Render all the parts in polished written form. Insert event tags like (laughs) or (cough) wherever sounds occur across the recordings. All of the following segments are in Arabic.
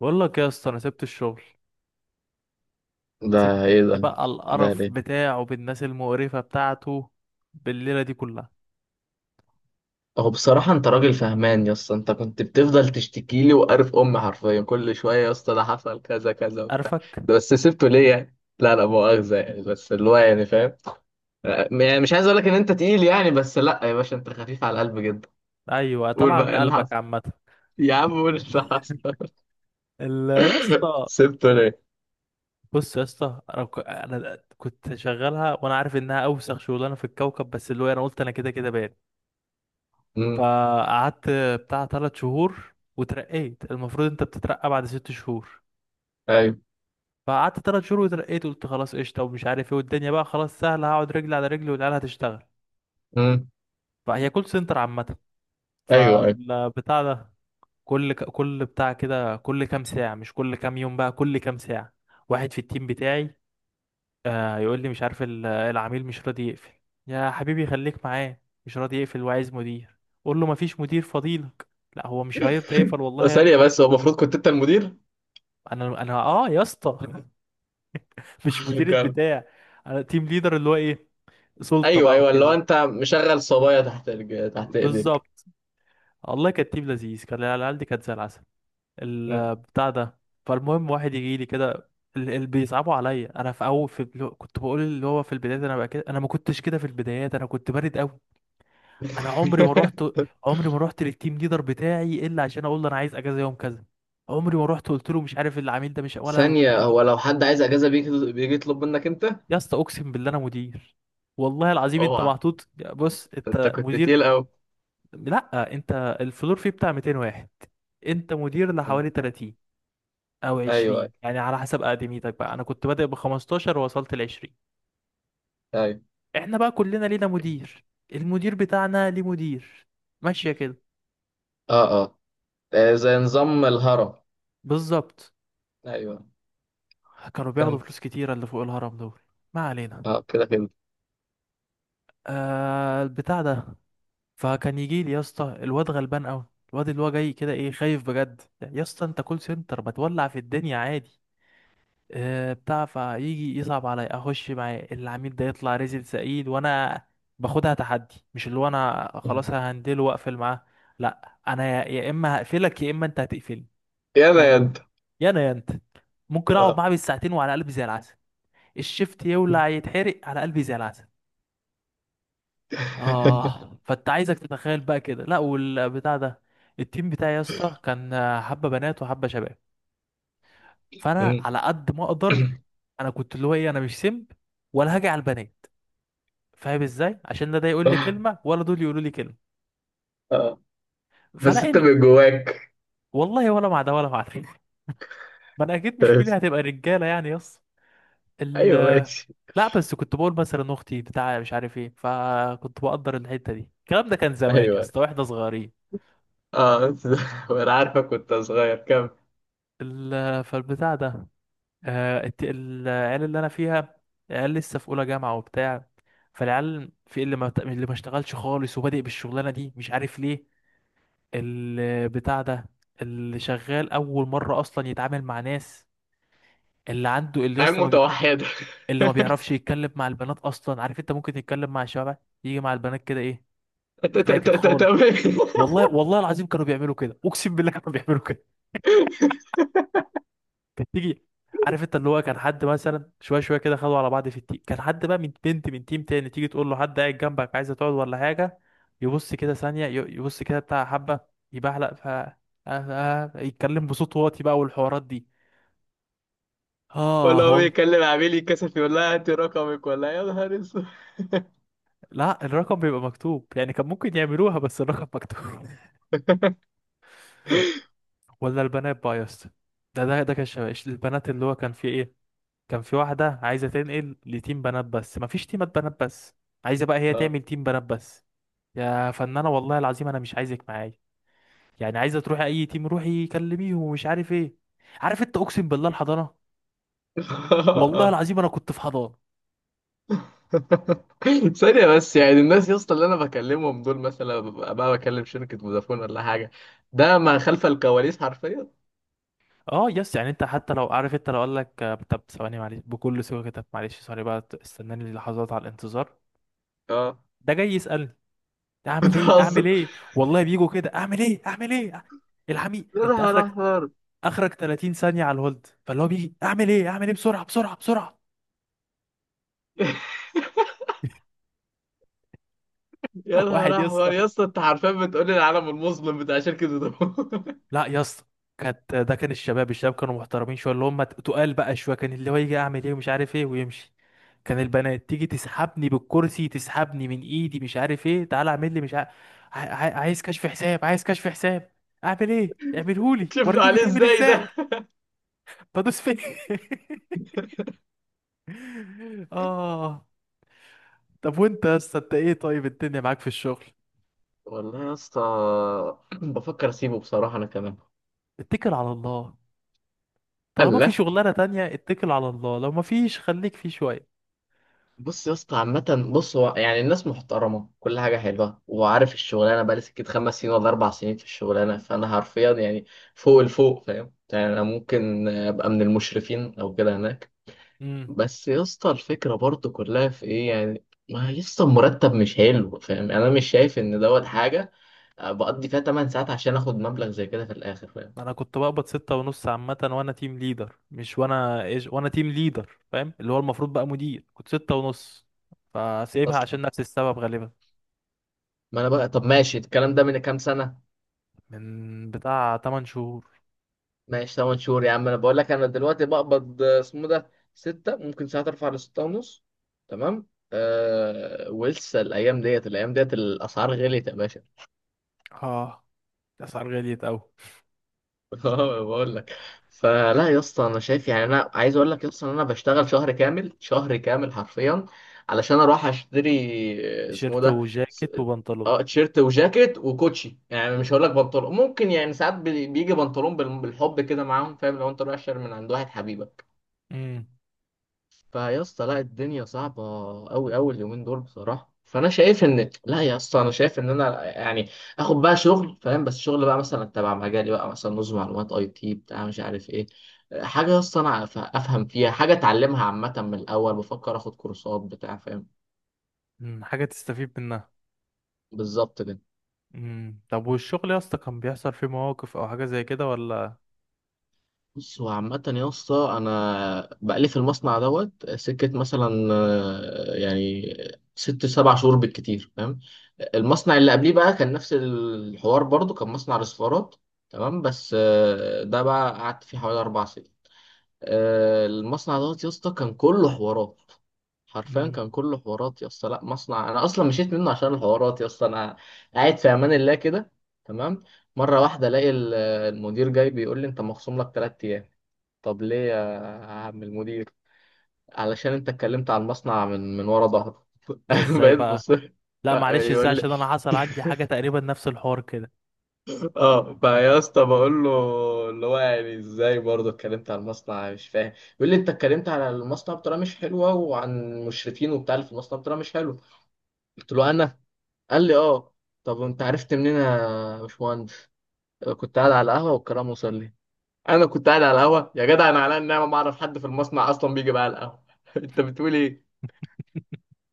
بقول لك يا اسطى، انا سبت الشغل. ده سبت ايه ده؟ بقى ده القرف ليه؟ بتاعه بالناس المقرفة بتاعته بالليلة دي كلها. هو بصراحة انت راجل فهمان يا اسطى، انت كنت بتفضل تشتكي لي وقارف امي حرفيا كل شوية، يا اسطى ده حصل كذا كذا وبتاع. قرفك. ده بس سبته ليه يعني؟ لا لا مؤاخذة يعني، بس اللي هو يعني فاهم. يعني مش عايز اقول لك ان انت تقيل يعني، بس لا يا باشا انت خفيف على القلب جدا. ايوه قول طالعة بقى من ايه اللي قلبك حصل؟ عامة. يا عم قول إيه اللي حصل؟ يا (laughs) اسطى، سبته ليه؟ بص يا اسطى، انا كنت شغالها وانا عارف انها اوسخ شغلانه في الكوكب، بس اللي هو انا قلت انا كده كده بان. امم. فقعدت بتاع ثلاث شهور وترقيت. المفروض انت بتترقى بعد ست شهور، ايوه. فقعدت ثلاث شهور وترقيت. قلت خلاص قشطه ومش عارف ايه، والدنيا بقى خلاص سهله، هقعد رجلي على رجلي والعيال هتشتغل. امم. فهي كول سنتر عامة. ايوه، ايوه. فالبتاع ده، كل بتاع كده، كل كام ساعة، مش كل كام يوم بقى، كل كام ساعة واحد في التيم بتاعي يقول لي مش عارف، العميل مش راضي يقفل. يا حبيبي خليك معاه. مش راضي يقفل وعايز مدير. قول له مفيش مدير فضيلك. لا هو مش هيرضى يقفل والله. ثانية بس، هو المفروض كنت انت المدير؟ انا يا اسطى، (laughs) مش (laughs) مدير كان- البتاع. انا تيم ليدر، اللي هو ايه، سلطة ايوه، بقى ايوه، اللي هو وكده. انت مشغل صبايا تحت تحت ايديك. بالظبط. والله كانت تيم لذيذ، كان العيال دي كانت زي العسل. البتاع ده. فالمهم واحد يجي لي كده، اللي بيصعبوا عليا انا في اول كنت بقول اللي هو في البدايات. انا بقى كده، انا ما كنتش كده في البدايات، انا كنت بارد قوي. انا عمري ما رحت، (laughs) عمري ما رحت للتيم ليدر بتاعي الا عشان اقول له انا عايز اجازه يوم كذا. عمري ما رحت قلت له مش عارف العميل ده مش، ولا ثانية، الكلام ده. هو لو حد عايز أجازة بيجي يطلب منك أنت؟ يا اسطى اقسم بالله انا مدير، والله العظيم انت اوعى. محطوط. بص انت انت كنت مدير. تقيل قوي. لا انت، الفلور فيه بتاع 200 واحد، انت مدير مم. لحوالي 30 او أيوه، أيوه. 20، يعني على حسب اقدميتك بقى. انا كنت بادئ ب 15 ووصلت ل 20. أيوه. احنا بقى كلنا لينا مدير، المدير بتاعنا ليه مدير، ماشية كده. أه، أه. آه، زي نظام الهرم. بالظبط. أيوه. كانوا بياخدوا كمل. فلوس كتيرة اللي فوق الهرم دول. ما علينا. أه، كده كده. آه البتاع ده. فكان يجي لي يا اسطى الواد غلبان قوي، الواد اللي هو جاي كده ايه خايف بجد. يا اسطى انت كول سنتر، بتولع في الدنيا عادي. بتاع فيجي يصعب عليا اخش مع العميل ده، يطلع رزل سعيد، وانا باخدها تحدي، مش اللي هو انا مم. خلاص ههندله واقفل معاه. لا انا، يا اما هقفلك يا اما انت هتقفلني، يلا فاهم، يا أنت. يا انا يا انت. ممكن اقعد أه. معاه بالساعتين وعلى قلبي زي العسل. الشفت يولع يتحرق على قلبي زي العسل. (laughs) اه فانت عايزك تتخيل بقى كده. لا والبتاع ده، التيم بتاعي يا اسطى كان حبه بنات وحبه شباب. فانا مم. على قد ما اقدر، انا كنت اللي هو ايه، انا مش سمب ولا هاجي على البنات، فاهم ازاي، عشان لا ده يقول لي كلمه ولا دول يقولوا لي كلمه. أه، بس فلاقي أنت ال... من جواك. والله ولا مع ده ولا مع ده. (laughs) ما انا اكيد مش فيلي هتبقى رجاله يعني، يس. ال... ايوه ماشي. لا بس كنت بقول مثلا اختي بتاع مش عارف ايه، فكنت بقدر الحته دي. الكلام ده كان زمان يا أيوه. اسطى واحنا صغيرين. اه، (laughs) وانا عارفك كنت صغير، كمل. فالبتاع ده، العيال اللي انا فيها، العيال لسه في اولى جامعه وبتاع. فالعيال في اللي ما بت- اللي ما اشتغلش خالص وبادئ بالشغلانه دي، مش عارف ليه. البتاع ده. اللي شغال اول مره اصلا يتعامل مع ناس، اللي عنده اللي عين اصلا ما بي... متوحدة (laughs) اللي ما بيعرفش يتكلم مع البنات اصلا. عارف انت ممكن تتكلم مع الشباب، يجي مع البنات كده ايه. تاكد خالص، تمام. والله والله العظيم كانوا بيعملوا كده، اقسم بالله كانوا بيعملوا كده. كانت تيجي، عارف انت اللي هو كان حد مثلا شويه شويه كده خدوا على بعض في التيم، كان حد بقى من بنت من تيم تاني تيجي تقول له حد قاعد جنبك عايزه تقعد ولا حاجه، يبص كده ثانيه، يبص كده بتاع حبه، يبعلق ف يتكلم بصوت واطي بقى والحوارات دي. ولا اه هو والله. بيكلم عميل يتكسف يقول لها هاتي رقمك ولا إيه؟ يا نهار اسود. لا الرقم بيبقى مكتوب، يعني كان ممكن يعملوها بس الرقم مكتوب. (laughs) ولا البنات بقى يا اسطى، ده كان شباب. البنات اللي هو كان في ايه، كان في واحدة عايزة تنقل لتيم بنات بس، مفيش تيمات بنات بس. عايزة بقى هي اه. تعمل تيم بنات بس. يا فنانة والله العظيم انا مش عايزك معايا، يعني عايزة تروحي اي تيم روحي كلميهم ومش عارف ايه. عارف انت، اقسم بالله الحضانة، والله آه. العظيم انا كنت في حضانة. (laughs) ثانية بس، يعني الناس يا اسطى اللي انا بكلمهم دول مثلا ببقى بقى بكلم شركة فودافون ولا حاجة. ده ما خلف الكواليس حرفيا. اه يس، يعني انت حتى لو عارف، انت لو قال لك طب ثواني معلش، بكل سوء كده معلش سوري بقى، استناني لحظات على الانتظار، اه. ده جاي يسألني (laughs) اعمل ايه اعمل بتهزر. ايه. والله بيجوا كده اعمل ايه اعمل ايه، الحميد يا انت نهار اخرك، احمر (laughs) اخرك 30 ثانية على الهولد، فاللي هو بيجي اعمل ايه اعمل ايه بسرعة بسرعة بسرعة. يا (laughs) واحد نهار يس. احمر يا اسطى، انت حرفيا بتقول لي العالم المظلم بتاع شركة فودافون. (laughs) لا يا اسطى، كانت، ده كان الشباب، الشباب كانوا محترمين شويه، اللي هم تقال بقى شويه، كان اللي هو يجي اعمل ايه ومش عارف ايه ويمشي. كان البنات تيجي تسحبني بالكرسي، تسحبني من ايدي مش عارف ايه، تعالى اعمل لي مش عارف، عايز كشف حساب عايز كشف حساب، اعمل ايه اعملهولي شفت وريني عليه بيتعمل ازاي ازاي، ده؟ بدوس فين. (laughs) اه. طب وانت يا اسطى انت ايه؟ طيب الدنيا معاك في الشغل. والله يا اسطى بفكر اسيبه بصراحة انا كمان. اتكل على الله، طالما في الله. شغلانه تانية اتكل على الله، لو ما فيش خليك فيه بص يا اسطى عامة، بص، هو يعني الناس محترمة، كل حاجة حلوة، وعارف الشغلانة بقالي سكت 5 سنين ولا 4 سنين في الشغلانة، فأنا حرفيا يعني فوق الفوق، فاهم يعني أنا ممكن أبقى من المشرفين أو كده هناك. شويه. بس يا اسطى، الفكرة برضو كلها في إيه يعني؟ ما يا اسطى المرتب مش حلو، فاهم يعني أنا مش شايف إن دوت حاجة بقضي فيها 8 ساعات عشان آخد مبلغ زي كده في الآخر، فاهم؟ انا كنت بقبض ستة ونص عامة، وانا تيم ليدر مش وانا ايش، وانا تيم ليدر فاهم، اللي هو المفروض بقى مدير، كنت ستة ونص. فسيبها عشان أصلا. نفس السبب غالبا، ما أنا بقى، طب ماشي، الكلام ده من كام سنة؟ من بتاع 8 شهور. ماشي 8 شهور. يا عم انا بقول لك انا دلوقتي بقبض، اسمه ده، 6 ممكن، ساعات ارفع ل 6 ونص. تمام. أه، ولسه الايام ديت، الايام ديت الاسعار غليت يا باشا. اه الاسعار غليت اوي. (laughs) اه بقول لك. فلا يا اسطى، انا شايف يعني، انا عايز اقول لك يا اسطى ان انا بشتغل شهر كامل، شهر كامل حرفيا، علشان اروح اشتري اسمه تيشيرت ده وجاكيت وبنطلون. اه، تيشيرت وجاكيت وكوتشي. يعني مش هقول لك بنطلون، ممكن يعني ساعات بيجي بنطلون بالحب كده معاهم، فاهم؟ لو انت رايح شهر من عند واحد حبيبك. امم. فيا اسطى لا، الدنيا صعبة أوي، أوي اليومين دول بصراحة. فأنا شايف إن، لا يا اسطى، أنا شايف إن أنا يعني آخد بقى شغل، فاهم، بس شغل بقى مثلا تبع مجالي، بقى مثلا نظم معلومات، أي تي بتاع، مش عارف إيه، حاجة يا اسطى أنا أفهم فيها حاجة، أتعلمها. عامة من الأول بفكر آخد كورسات بتاع، فاهم؟ حاجة تستفيد منها. بالظبط كده. امم، طب والشغل يا اسطى كان بيحصل فيه مواقف او حاجة زي كده ولا؟ بص، هو عامة يا اسطى أنا بقالي في المصنع دوت سكة مثلا، يعني 6 7 شهور بالكتير، فاهم. المصنع اللي قبليه بقى كان نفس الحوار برضو، كان مصنع رسفارات، تمام، بس ده بقى قعدت فيه حوالي 4 سنين. المصنع دوت يا اسطى كان كله حوارات، حرفيا امم. كان كله حوارات يا اسطى. لا مصنع انا اصلا مشيت منه عشان الحوارات، يا اسطى انا قاعد في امان الله كده، تمام. مره واحده الاقي المدير جاي بيقول لي: انت مخصوم لك 3 ايام. طب ليه يا عم المدير؟ علشان انت اتكلمت على المصنع من ورا ظهره. ده (laughs) ازاي بقيت بقى؟ بص، لا معلش، ازاي يقول لي عشان انا حصل عندي حاجة (laughs) تقريبا نفس الحوار كده. اه. فيا اسطى بقول له، اللي هو يعني ازاي برضه اتكلمت على المصنع؟ مش فاهم. يقول لي: انت اتكلمت على المصنع بطريقه مش حلوه، وعن المشرفين وبتاع اللي في المصنع بطريقه مش حلوه. قلت له انا، قال لي اه. طب انت عرفت منين يا باشمهندس؟ كنت قاعد على القهوه والكلام وصل لي. انا كنت قاعد على القهوه يا جدع؟ انا على النعمه ما اعرف حد في المصنع اصلا بيجي بقى على القهوه. (laughs) انت بتقول ايه؟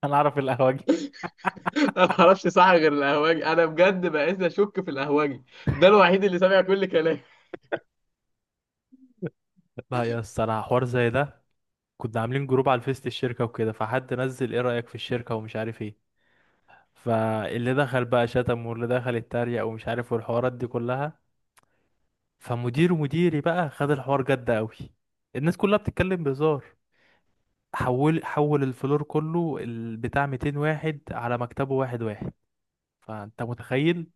(laughs) انا اعرف القهوجي. انا ما اعرفش صح غير الاهواجي. انا بجد بقيت اشك في الاهواجي، ده الوحيد اللي سامع كل كلامي. لا يا اسطى انا حوار زي ده، كنا عاملين جروب على الفيس الشركة وكده، فحد نزل ايه رأيك في الشركة ومش عارف ايه، فاللي دخل بقى شتم واللي دخل اتريق ومش عارف والحوارات دي كلها. فمدير مديري بقى خد الحوار جد قوي. الناس كلها بتتكلم بهزار، حول حول الفلور كله، بتاع 200 واحد على مكتبه واحد واحد. فانت متخيل،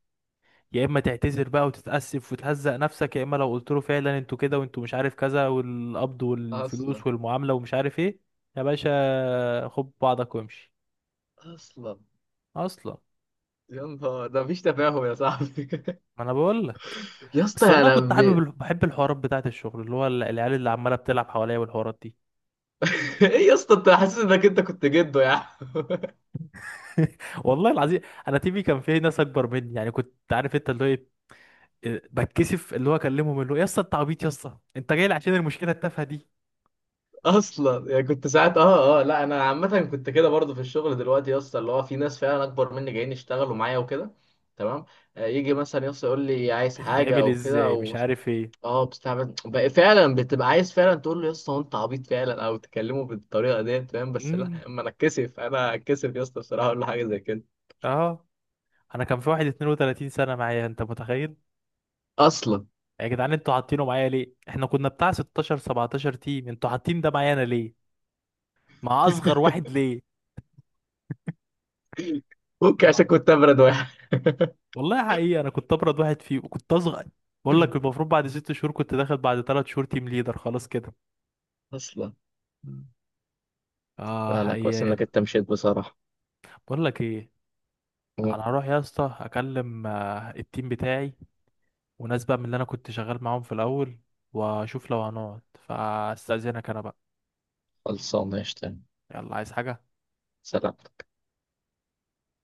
يا اما تعتذر بقى وتتأسف وتهزق نفسك، يا اما لو قلت له فعلا انتوا كده وانتوا مش عارف كذا والقبض اصلا، والفلوس والمعاملة ومش عارف ايه، يا باشا خد بعضك وامشي. اصلا. اصلا. يا نهار ده مفيش تفاهم يا صاحبي. ما انا بقول لك. (laughs) يا اسطى بس والله انا كنت حابب (laughs) بحب الحوارات بتاعه الشغل، اللي هو العيال اللي عماله بتلعب حواليا والحوارات دي. ايه يا اسطى، انت حاسس انك انت كنت جده يا عم؟ (laughs) (laughs) والله العظيم. انا تيمي كان فيه ناس اكبر مني، يعني كنت عارف انت اللي هو ايه، بتكسف اللي هو اكلمهم، اللي هو يا اسطى انت عبيط يا اسطى انت جاي لي عشان المشكله التافهه دي، اصلا. يعني كنت ساعات، لا، انا عامه كنت كده برضه في الشغل دلوقتي يا اسطى، اللي هو في ناس فعلا اكبر مني جايين يشتغلوا معايا وكده، تمام. يجي مثلا يا اسطى يقول لي عايز حاجه بتتعمل او كده. ازاي مش عارف ايه. اه، بتستعبد بقى فعلا، بتبقى عايز فعلا تقول له: يا اسطى هو انت عبيط فعلا، او تكلمه بالطريقه ديت، فاهم؟ بس لا، امم. اما انا اتكسف، انا اتكسف يا اسطى بصراحه اقول له حاجه زي كده. اه. انا كان في واحد 32 سنه معايا، انت متخيل؟ اصلا. يا جدعان انتوا حاطينه معايا ليه، احنا كنا بتاع 16 17 تيم، انتوا حاطين ده معايا انا ليه، مع اصغر واحد ليه. (laughs) ممكن عشان كنت ابرد واحد. والله حقيقي انا كنت ابرد واحد فيه، وكنت اصغر. بقول لك (laughs) المفروض بعد ست شهور كنت داخل، بعد ثلاث شهور تيم ليدر خلاص كده. اصلا. مم. لا اه لا، كويس انك ايام. انت مشيت بصراحه. بقول لك ايه، انا مم. هروح يا اسطى اكلم التيم بتاعي، وناس بقى من اللي انا كنت شغال معاهم في الاول، واشوف لو هنقعد. فاستاذنك انا بقى. خلصانه يا شتان. يلا، عايز حاجة؟ سلام.